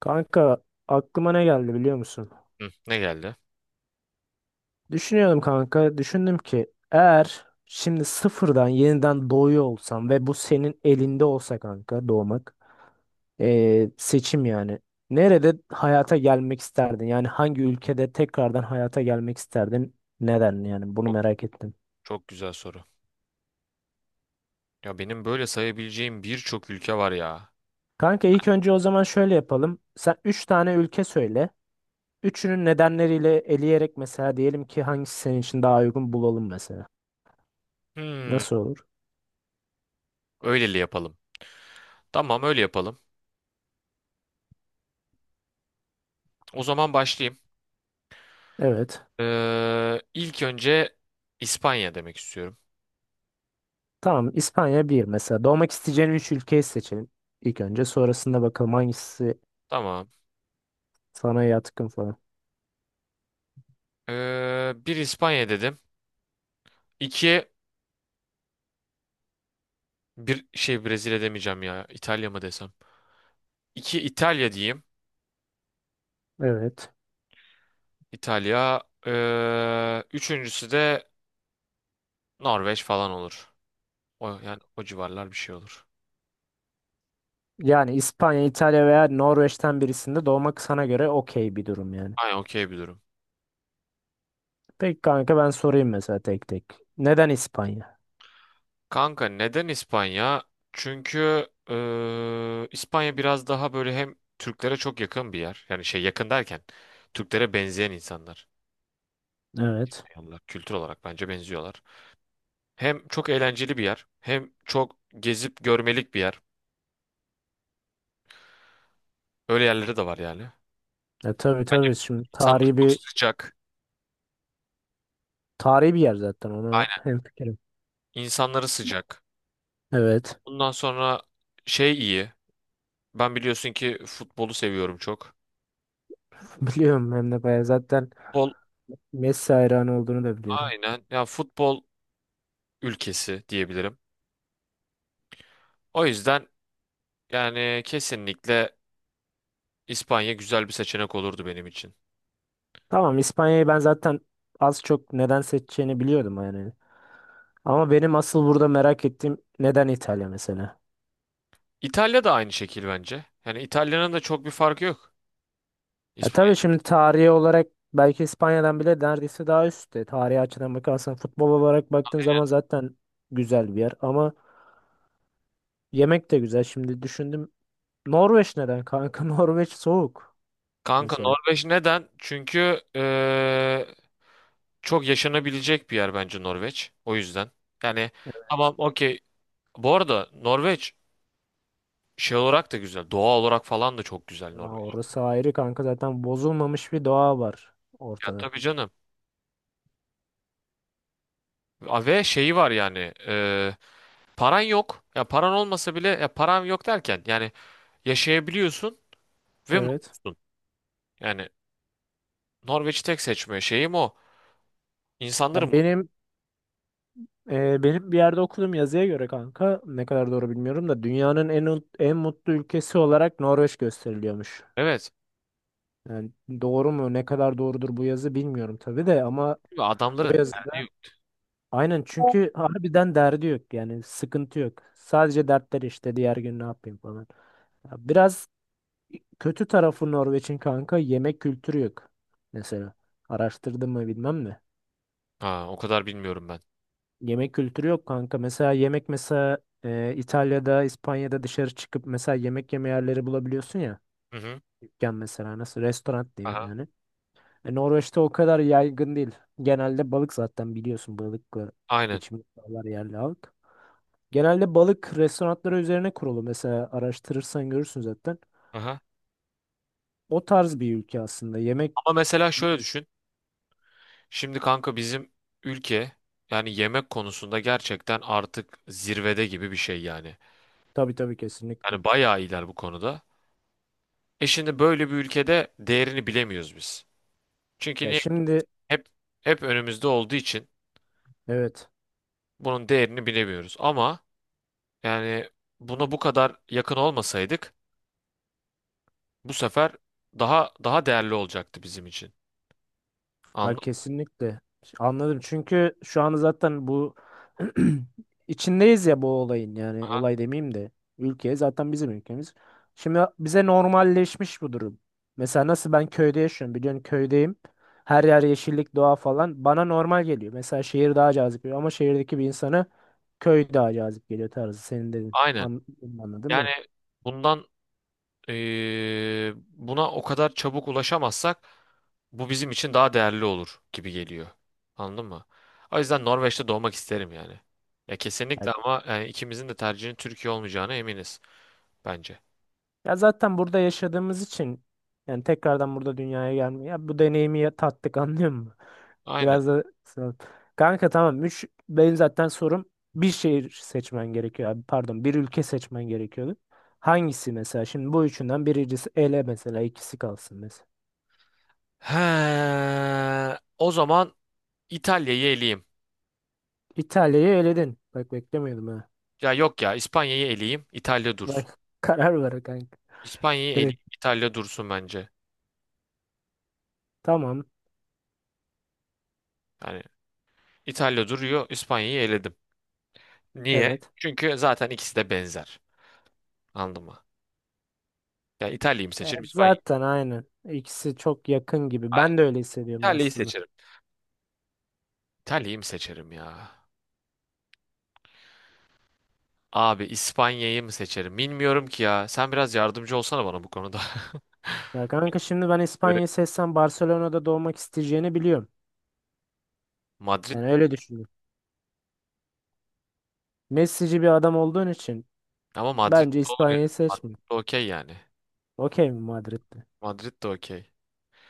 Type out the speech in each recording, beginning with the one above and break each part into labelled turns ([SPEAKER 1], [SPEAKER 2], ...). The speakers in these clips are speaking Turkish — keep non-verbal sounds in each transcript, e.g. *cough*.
[SPEAKER 1] Kanka, aklıma ne geldi biliyor musun?
[SPEAKER 2] Hı, ne geldi?
[SPEAKER 1] Düşünüyorum kanka. Düşündüm ki eğer şimdi sıfırdan yeniden doğuyor olsam ve bu senin elinde olsa kanka doğmak. Seçim yani. Nerede hayata gelmek isterdin? Yani hangi ülkede tekrardan hayata gelmek isterdin? Neden yani bunu
[SPEAKER 2] Çok,
[SPEAKER 1] merak ettim.
[SPEAKER 2] çok güzel soru. Ya benim böyle sayabileceğim birçok ülke var ya.
[SPEAKER 1] Kanka ilk önce o zaman şöyle yapalım. Sen 3 tane ülke söyle. Üçünün nedenleriyle eleyerek mesela diyelim ki hangisi senin için daha uygun bulalım mesela.
[SPEAKER 2] Hmm,
[SPEAKER 1] Nasıl olur?
[SPEAKER 2] öyleli yapalım. Tamam, öyle yapalım. O zaman başlayayım.
[SPEAKER 1] Evet.
[SPEAKER 2] İlk önce İspanya demek istiyorum.
[SPEAKER 1] Tamam, İspanya bir mesela. Doğmak isteyeceğin üç ülkeyi seçelim ilk önce. Sonrasında bakalım hangisi
[SPEAKER 2] Tamam.
[SPEAKER 1] sana yatkın falan.
[SPEAKER 2] Bir, İspanya dedim. İki, bir şey Brezilya demeyeceğim ya. İtalya mı desem? İki, İtalya diyeyim.
[SPEAKER 1] Evet.
[SPEAKER 2] İtalya. Üçüncüsü de Norveç falan olur. O, yani o civarlar bir şey olur.
[SPEAKER 1] Yani İspanya, İtalya veya Norveç'ten birisinde doğmak sana göre okey bir durum yani.
[SPEAKER 2] Aynen, okey bir durum.
[SPEAKER 1] Peki kanka, ben sorayım mesela tek tek. Neden İspanya?
[SPEAKER 2] Kanka neden İspanya? Çünkü İspanya biraz daha böyle hem Türklere çok yakın bir yer. Yani şey, yakın derken Türklere benzeyen insanlar.
[SPEAKER 1] Evet.
[SPEAKER 2] Yanlar, kültür olarak bence benziyorlar. Hem çok eğlenceli bir yer, hem çok gezip görmelik bir yer. Öyle yerleri de var yani.
[SPEAKER 1] E tabii
[SPEAKER 2] Bence
[SPEAKER 1] tabii, şimdi
[SPEAKER 2] insanlar
[SPEAKER 1] tarihi
[SPEAKER 2] çok
[SPEAKER 1] bir
[SPEAKER 2] sıcak.
[SPEAKER 1] tarihi bir yer zaten, ona
[SPEAKER 2] Aynen.
[SPEAKER 1] hemfikirim.
[SPEAKER 2] İnsanları sıcak.
[SPEAKER 1] Evet.
[SPEAKER 2] Bundan sonra şey iyi. Ben biliyorsun ki futbolu seviyorum çok.
[SPEAKER 1] *laughs* Biliyorum, hem de bayağı zaten
[SPEAKER 2] Futbol,
[SPEAKER 1] Messi hayranı olduğunu da biliyorum.
[SPEAKER 2] aynen. Ya futbol ülkesi diyebilirim. O yüzden yani kesinlikle İspanya güzel bir seçenek olurdu benim için.
[SPEAKER 1] Tamam, İspanya'yı ben zaten az çok neden seçeceğini biliyordum yani. Ama benim asıl burada merak ettiğim, neden İtalya mesela?
[SPEAKER 2] İtalya da aynı şekil bence. Yani İtalya'nın da çok bir farkı yok.
[SPEAKER 1] Ya tabii
[SPEAKER 2] İspanya.
[SPEAKER 1] şimdi tarihi olarak belki İspanya'dan bile neredeyse daha üstte. Tarihi açıdan bakarsan, futbol olarak baktığın zaman zaten güzel bir yer. Ama yemek de güzel. Şimdi düşündüm. Norveç neden kanka? *laughs* Norveç soğuk
[SPEAKER 2] Kanka
[SPEAKER 1] mesela.
[SPEAKER 2] Norveç neden? Çünkü çok yaşanabilecek bir yer bence Norveç. O yüzden. Yani tamam, okey. Bu arada Norveç şey olarak da güzel. Doğa olarak falan da çok güzel
[SPEAKER 1] Ya
[SPEAKER 2] Norveç.
[SPEAKER 1] orası ayrı kanka, zaten bozulmamış bir doğa var
[SPEAKER 2] Ya
[SPEAKER 1] ortada.
[SPEAKER 2] tabii canım. A- ve şeyi var yani. Paran yok. Ya paran olmasa bile, ya paran yok derken yani yaşayabiliyorsun ve
[SPEAKER 1] Evet.
[SPEAKER 2] mutlusun. Yani Norveç'i tek seçmiyor. Şeyim o. İnsanların
[SPEAKER 1] Ya
[SPEAKER 2] mutlu.
[SPEAKER 1] benim benim bir yerde okudum, yazıya göre kanka, ne kadar doğru bilmiyorum da, dünyanın en mutlu ülkesi olarak Norveç gösteriliyormuş.
[SPEAKER 2] Evet.
[SPEAKER 1] Yani doğru mu, ne kadar doğrudur bu yazı bilmiyorum tabii de, ama o
[SPEAKER 2] Adamların derdi
[SPEAKER 1] yazıda
[SPEAKER 2] yok.
[SPEAKER 1] aynen, çünkü harbiden derdi yok yani, sıkıntı yok. Sadece dertler işte diğer gün ne yapayım falan. Ya biraz kötü tarafı Norveç'in kanka, yemek kültürü yok mesela. Araştırdım mı bilmem de.
[SPEAKER 2] Ha, o kadar bilmiyorum ben.
[SPEAKER 1] Yemek kültürü yok kanka. Mesela yemek mesela İtalya'da, İspanya'da dışarı çıkıp mesela yemek yeme yerleri bulabiliyorsun ya.
[SPEAKER 2] Hı hı.
[SPEAKER 1] Dükkan mesela, nasıl, restoran diyeyim
[SPEAKER 2] Aha.
[SPEAKER 1] yani. E, Norveç'te o kadar yaygın değil. Genelde balık, zaten biliyorsun balıkla
[SPEAKER 2] Aynen.
[SPEAKER 1] geçimini sağlar yerli halk. Genelde balık restoranları üzerine kurulu. Mesela araştırırsan görürsün zaten.
[SPEAKER 2] Aha.
[SPEAKER 1] O tarz bir ülke aslında. Yemek
[SPEAKER 2] Ama mesela şöyle düşün. Şimdi kanka bizim ülke, yani yemek konusunda gerçekten artık zirvede gibi bir şey yani.
[SPEAKER 1] tabii tabii, kesinlikle.
[SPEAKER 2] Yani bayağı iyiler bu konuda. E şimdi böyle bir ülkede değerini bilemiyoruz biz. Çünkü
[SPEAKER 1] Ya
[SPEAKER 2] niye?
[SPEAKER 1] şimdi
[SPEAKER 2] Hep hep önümüzde olduğu için
[SPEAKER 1] evet.
[SPEAKER 2] bunun değerini bilemiyoruz. Ama yani buna bu kadar yakın olmasaydık, bu sefer daha değerli olacaktı bizim için. Anladın
[SPEAKER 1] Ha,
[SPEAKER 2] mı?
[SPEAKER 1] kesinlikle. Anladım. Çünkü şu an zaten bu *clears throat* içindeyiz ya bu olayın, yani
[SPEAKER 2] Ha,
[SPEAKER 1] olay demeyeyim de, ülke zaten bizim ülkemiz. Şimdi bize normalleşmiş bu durum. Mesela nasıl ben köyde yaşıyorum, biliyorsun köydeyim. Her yer yeşillik, doğa falan bana normal geliyor. Mesela şehir daha cazip geliyor, ama şehirdeki bir insanı köy daha cazip geliyor tarzı, senin dedin.
[SPEAKER 2] aynen.
[SPEAKER 1] Anladın
[SPEAKER 2] Yani
[SPEAKER 1] mı?
[SPEAKER 2] bundan, buna o kadar çabuk ulaşamazsak bu bizim için daha değerli olur gibi geliyor. Anladın mı? O yüzden Norveç'te doğmak isterim yani. Ya
[SPEAKER 1] Ya
[SPEAKER 2] kesinlikle, ama yani ikimizin de tercihinin Türkiye olmayacağına eminiz bence.
[SPEAKER 1] ya, zaten burada yaşadığımız için yani tekrardan burada dünyaya gelmiyor. Ya bu deneyimi tattık, anlıyor musun?
[SPEAKER 2] Aynen.
[SPEAKER 1] Biraz da sağ ol. Kanka tamam. Üç, benim zaten sorum, bir şehir seçmen gerekiyor abi. Pardon, bir ülke seçmen gerekiyordu. Hangisi mesela? Şimdi bu üçünden birincisi ele mesela, ikisi kalsın mesela.
[SPEAKER 2] He, o zaman İtalya'yı eleyeyim.
[SPEAKER 1] İtalya'yı eledin. Bak, beklemiyordum ha.
[SPEAKER 2] Ya yok, ya İspanya'yı eleyeyim, İtalya dursun.
[SPEAKER 1] Bak, *laughs* karar ver kanka.
[SPEAKER 2] İspanya'yı eleyeyim,
[SPEAKER 1] Direkt.
[SPEAKER 2] İtalya dursun bence.
[SPEAKER 1] Tamam.
[SPEAKER 2] Yani İtalya duruyor. İspanya'yı eledim. Niye?
[SPEAKER 1] Evet.
[SPEAKER 2] Çünkü zaten ikisi de benzer. Anladın mı? Ya İtalya'yı mı
[SPEAKER 1] E,
[SPEAKER 2] seçerim, İspanya'yı mı?
[SPEAKER 1] zaten aynen. İkisi çok yakın gibi.
[SPEAKER 2] Hayır,
[SPEAKER 1] Ben de öyle hissediyorum
[SPEAKER 2] İtalya'yı
[SPEAKER 1] aslında.
[SPEAKER 2] seçerim. İtalya'yı mı seçerim ya? Abi İspanya'yı mı seçerim? Bilmiyorum ki ya. Sen biraz yardımcı olsana bana bu konuda.
[SPEAKER 1] Ya kanka şimdi ben
[SPEAKER 2] *laughs* Böyle
[SPEAKER 1] İspanya'yı seçsem Barcelona'da doğmak isteyeceğini biliyorum.
[SPEAKER 2] Madrid,
[SPEAKER 1] Yani öyle düşünüyorum. Messi'ci bir adam olduğun için,
[SPEAKER 2] ama Madrid
[SPEAKER 1] bence
[SPEAKER 2] de olur ya.
[SPEAKER 1] İspanya'yı seçme.
[SPEAKER 2] Madrid de okey yani.
[SPEAKER 1] Okey mi Madrid'de?
[SPEAKER 2] Madrid de okey.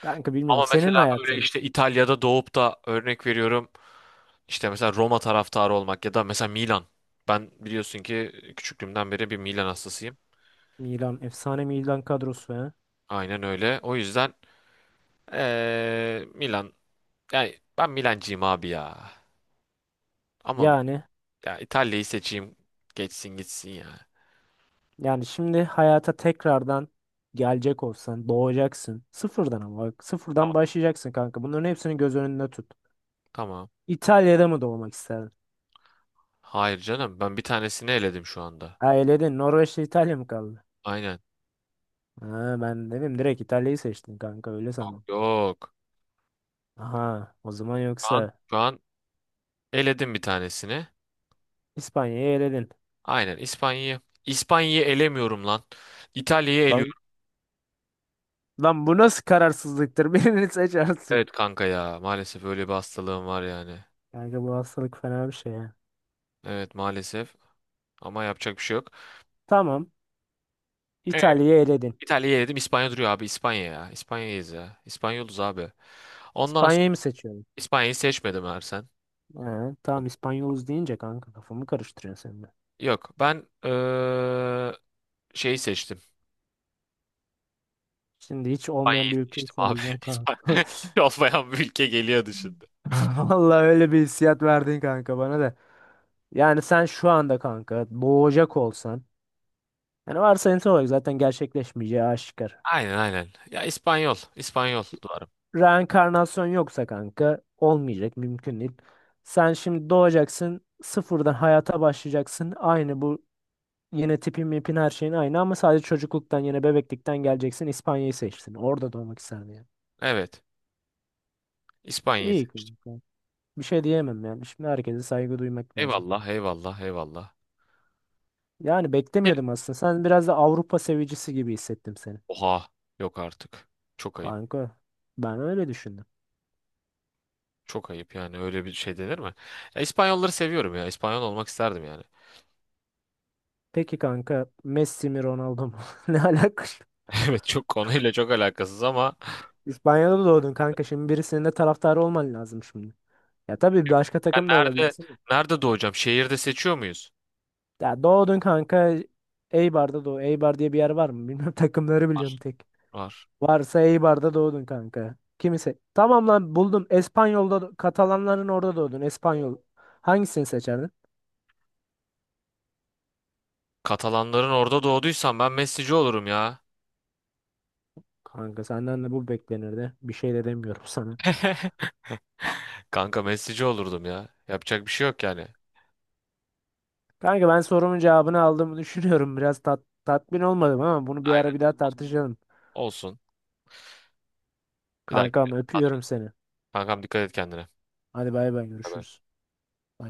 [SPEAKER 1] Kanka bilmiyorum.
[SPEAKER 2] Ama
[SPEAKER 1] Senin
[SPEAKER 2] mesela böyle
[SPEAKER 1] hayatın.
[SPEAKER 2] işte İtalya'da doğup da örnek veriyorum. İşte mesela Roma taraftarı olmak ya da mesela Milan. Ben biliyorsun ki küçüklüğümden beri bir Milan hastasıyım.
[SPEAKER 1] Milan. Efsane Milan kadrosu, ha.
[SPEAKER 2] Aynen öyle. O yüzden Milan. Yani ben Milancıyım abi ya. Ama bi-
[SPEAKER 1] Yani.
[SPEAKER 2] ya İtalya'yı seçeyim. Geçsin gitsin ya.
[SPEAKER 1] Yani şimdi hayata tekrardan gelecek olsan. Doğacaksın. Sıfırdan ama. Bak,
[SPEAKER 2] Tamam.
[SPEAKER 1] sıfırdan başlayacaksın kanka. Bunların hepsini göz önünde tut.
[SPEAKER 2] Tamam.
[SPEAKER 1] İtalya'da mı doğmak isterdin?
[SPEAKER 2] Hayır canım. Ben bir tanesini eledim şu anda.
[SPEAKER 1] Ha, eledin. Norveç'te İtalya mı kaldı?
[SPEAKER 2] Aynen.
[SPEAKER 1] Ha, ben dedim direkt İtalya'yı seçtin kanka. Öyle sandım.
[SPEAKER 2] Yok.
[SPEAKER 1] Aha, o zaman
[SPEAKER 2] Şu an,
[SPEAKER 1] yoksa
[SPEAKER 2] şu an eledim bir tanesini.
[SPEAKER 1] İspanya'yı eledin.
[SPEAKER 2] Aynen. İspanya'yı. İspanya'yı elemiyorum lan. İtalya'yı
[SPEAKER 1] Lan,
[SPEAKER 2] eliyorum.
[SPEAKER 1] lan bu nasıl kararsızlıktır? *laughs* Birini seç artık.
[SPEAKER 2] Evet kanka ya. Maalesef öyle bir hastalığım var yani.
[SPEAKER 1] Kanka bu hastalık fena bir şey ya.
[SPEAKER 2] Evet maalesef. Ama yapacak bir şey yok.
[SPEAKER 1] Tamam.
[SPEAKER 2] Ee?
[SPEAKER 1] İtalya'yı eledin.
[SPEAKER 2] İtalya'yı yedim. İspanya duruyor abi. İspanya ya. İspanya'yız ya. İspanyoluz abi. Ondan sonra
[SPEAKER 1] İspanya'yı mı seçiyorum?
[SPEAKER 2] İspanya'yı seçmedim Ersen.
[SPEAKER 1] Tamam, İspanyoluz deyince kanka kafamı karıştırıyorsun sen de.
[SPEAKER 2] Yok. Ben şeyi seçtim.
[SPEAKER 1] Şimdi hiç
[SPEAKER 2] İspanya'yı
[SPEAKER 1] olmayan bir ülke
[SPEAKER 2] seçtim abi.
[SPEAKER 1] söyleyeceksin
[SPEAKER 2] *laughs*
[SPEAKER 1] kanka.
[SPEAKER 2] İspanya hiç olmayan bir ülke geliyordu şimdi.
[SPEAKER 1] *laughs* Vallahi öyle bir hissiyat verdin kanka bana da. Yani sen şu anda kanka boğacak olsan. Yani varsayımsal olarak zaten gerçekleşmeyeceği aşikar.
[SPEAKER 2] Aynen, aynen. Ya İspanyol. İspanyol duvarım.
[SPEAKER 1] Reenkarnasyon yoksa kanka olmayacak, mümkün değil. Sen şimdi doğacaksın, sıfırdan hayata başlayacaksın. Aynı bu, yine tipin mipin her şeyin aynı, ama sadece çocukluktan yine bebeklikten geleceksin. İspanya'yı seçsin. Orada doğmak isterdim yani.
[SPEAKER 2] Evet. İspanya'yı
[SPEAKER 1] İyi
[SPEAKER 2] seçtim.
[SPEAKER 1] kanka. Bir şey diyemem yani. Şimdi herkese saygı duymak lazım.
[SPEAKER 2] Eyvallah, eyvallah, eyvallah.
[SPEAKER 1] Yani
[SPEAKER 2] Bir-
[SPEAKER 1] beklemiyordum aslında. Sen biraz da Avrupa sevicisi gibi hissettim seni.
[SPEAKER 2] oha. Yok artık. Çok ayıp.
[SPEAKER 1] Kanka ben öyle düşündüm.
[SPEAKER 2] Çok ayıp, yani öyle bir şey denir mi? Ya İspanyolları seviyorum ya. İspanyol olmak isterdim yani.
[SPEAKER 1] Peki kanka, Messi mi Ronaldo mu? *laughs* Ne alaka şimdi?
[SPEAKER 2] *laughs* Evet, çok konuyla çok alakasız ama
[SPEAKER 1] İspanya'da doğdun kanka. Şimdi birisinin de taraftarı olman lazım şimdi. Ya tabii başka
[SPEAKER 2] ya
[SPEAKER 1] takım da
[SPEAKER 2] nerede,
[SPEAKER 1] olabilirsin de.
[SPEAKER 2] nerede doğacağım? Şehirde seçiyor muyuz?
[SPEAKER 1] Ya doğdun kanka, Eibar'da doğ. Eibar diye bir yer var mı? Bilmiyorum, *laughs* takımları biliyorum tek.
[SPEAKER 2] Var.
[SPEAKER 1] Varsa Eibar'da doğdun kanka. Kimse. Tamam lan, buldum. Katalanların orada doğdun. Espanyol. Hangisini seçerdin?
[SPEAKER 2] Katalanların orada doğduysam ben Messi'ci olurum ya.
[SPEAKER 1] Kanka senden de bu beklenirdi. Bir şey de demiyorum *laughs* sana.
[SPEAKER 2] *laughs* Kanka Messi'ci olurdum ya. Yapacak bir şey yok yani.
[SPEAKER 1] Kanka, ben sorumun cevabını aldığımı düşünüyorum. Biraz tatmin olmadım, ama bunu bir ara
[SPEAKER 2] Aynen.
[SPEAKER 1] bir daha tartışalım.
[SPEAKER 2] Olsun. Bir dakika.
[SPEAKER 1] Kankam, öpüyorum seni.
[SPEAKER 2] Kankam, dikkat et kendine.
[SPEAKER 1] Hadi bay bay,
[SPEAKER 2] Bye bye.
[SPEAKER 1] görüşürüz. Bay.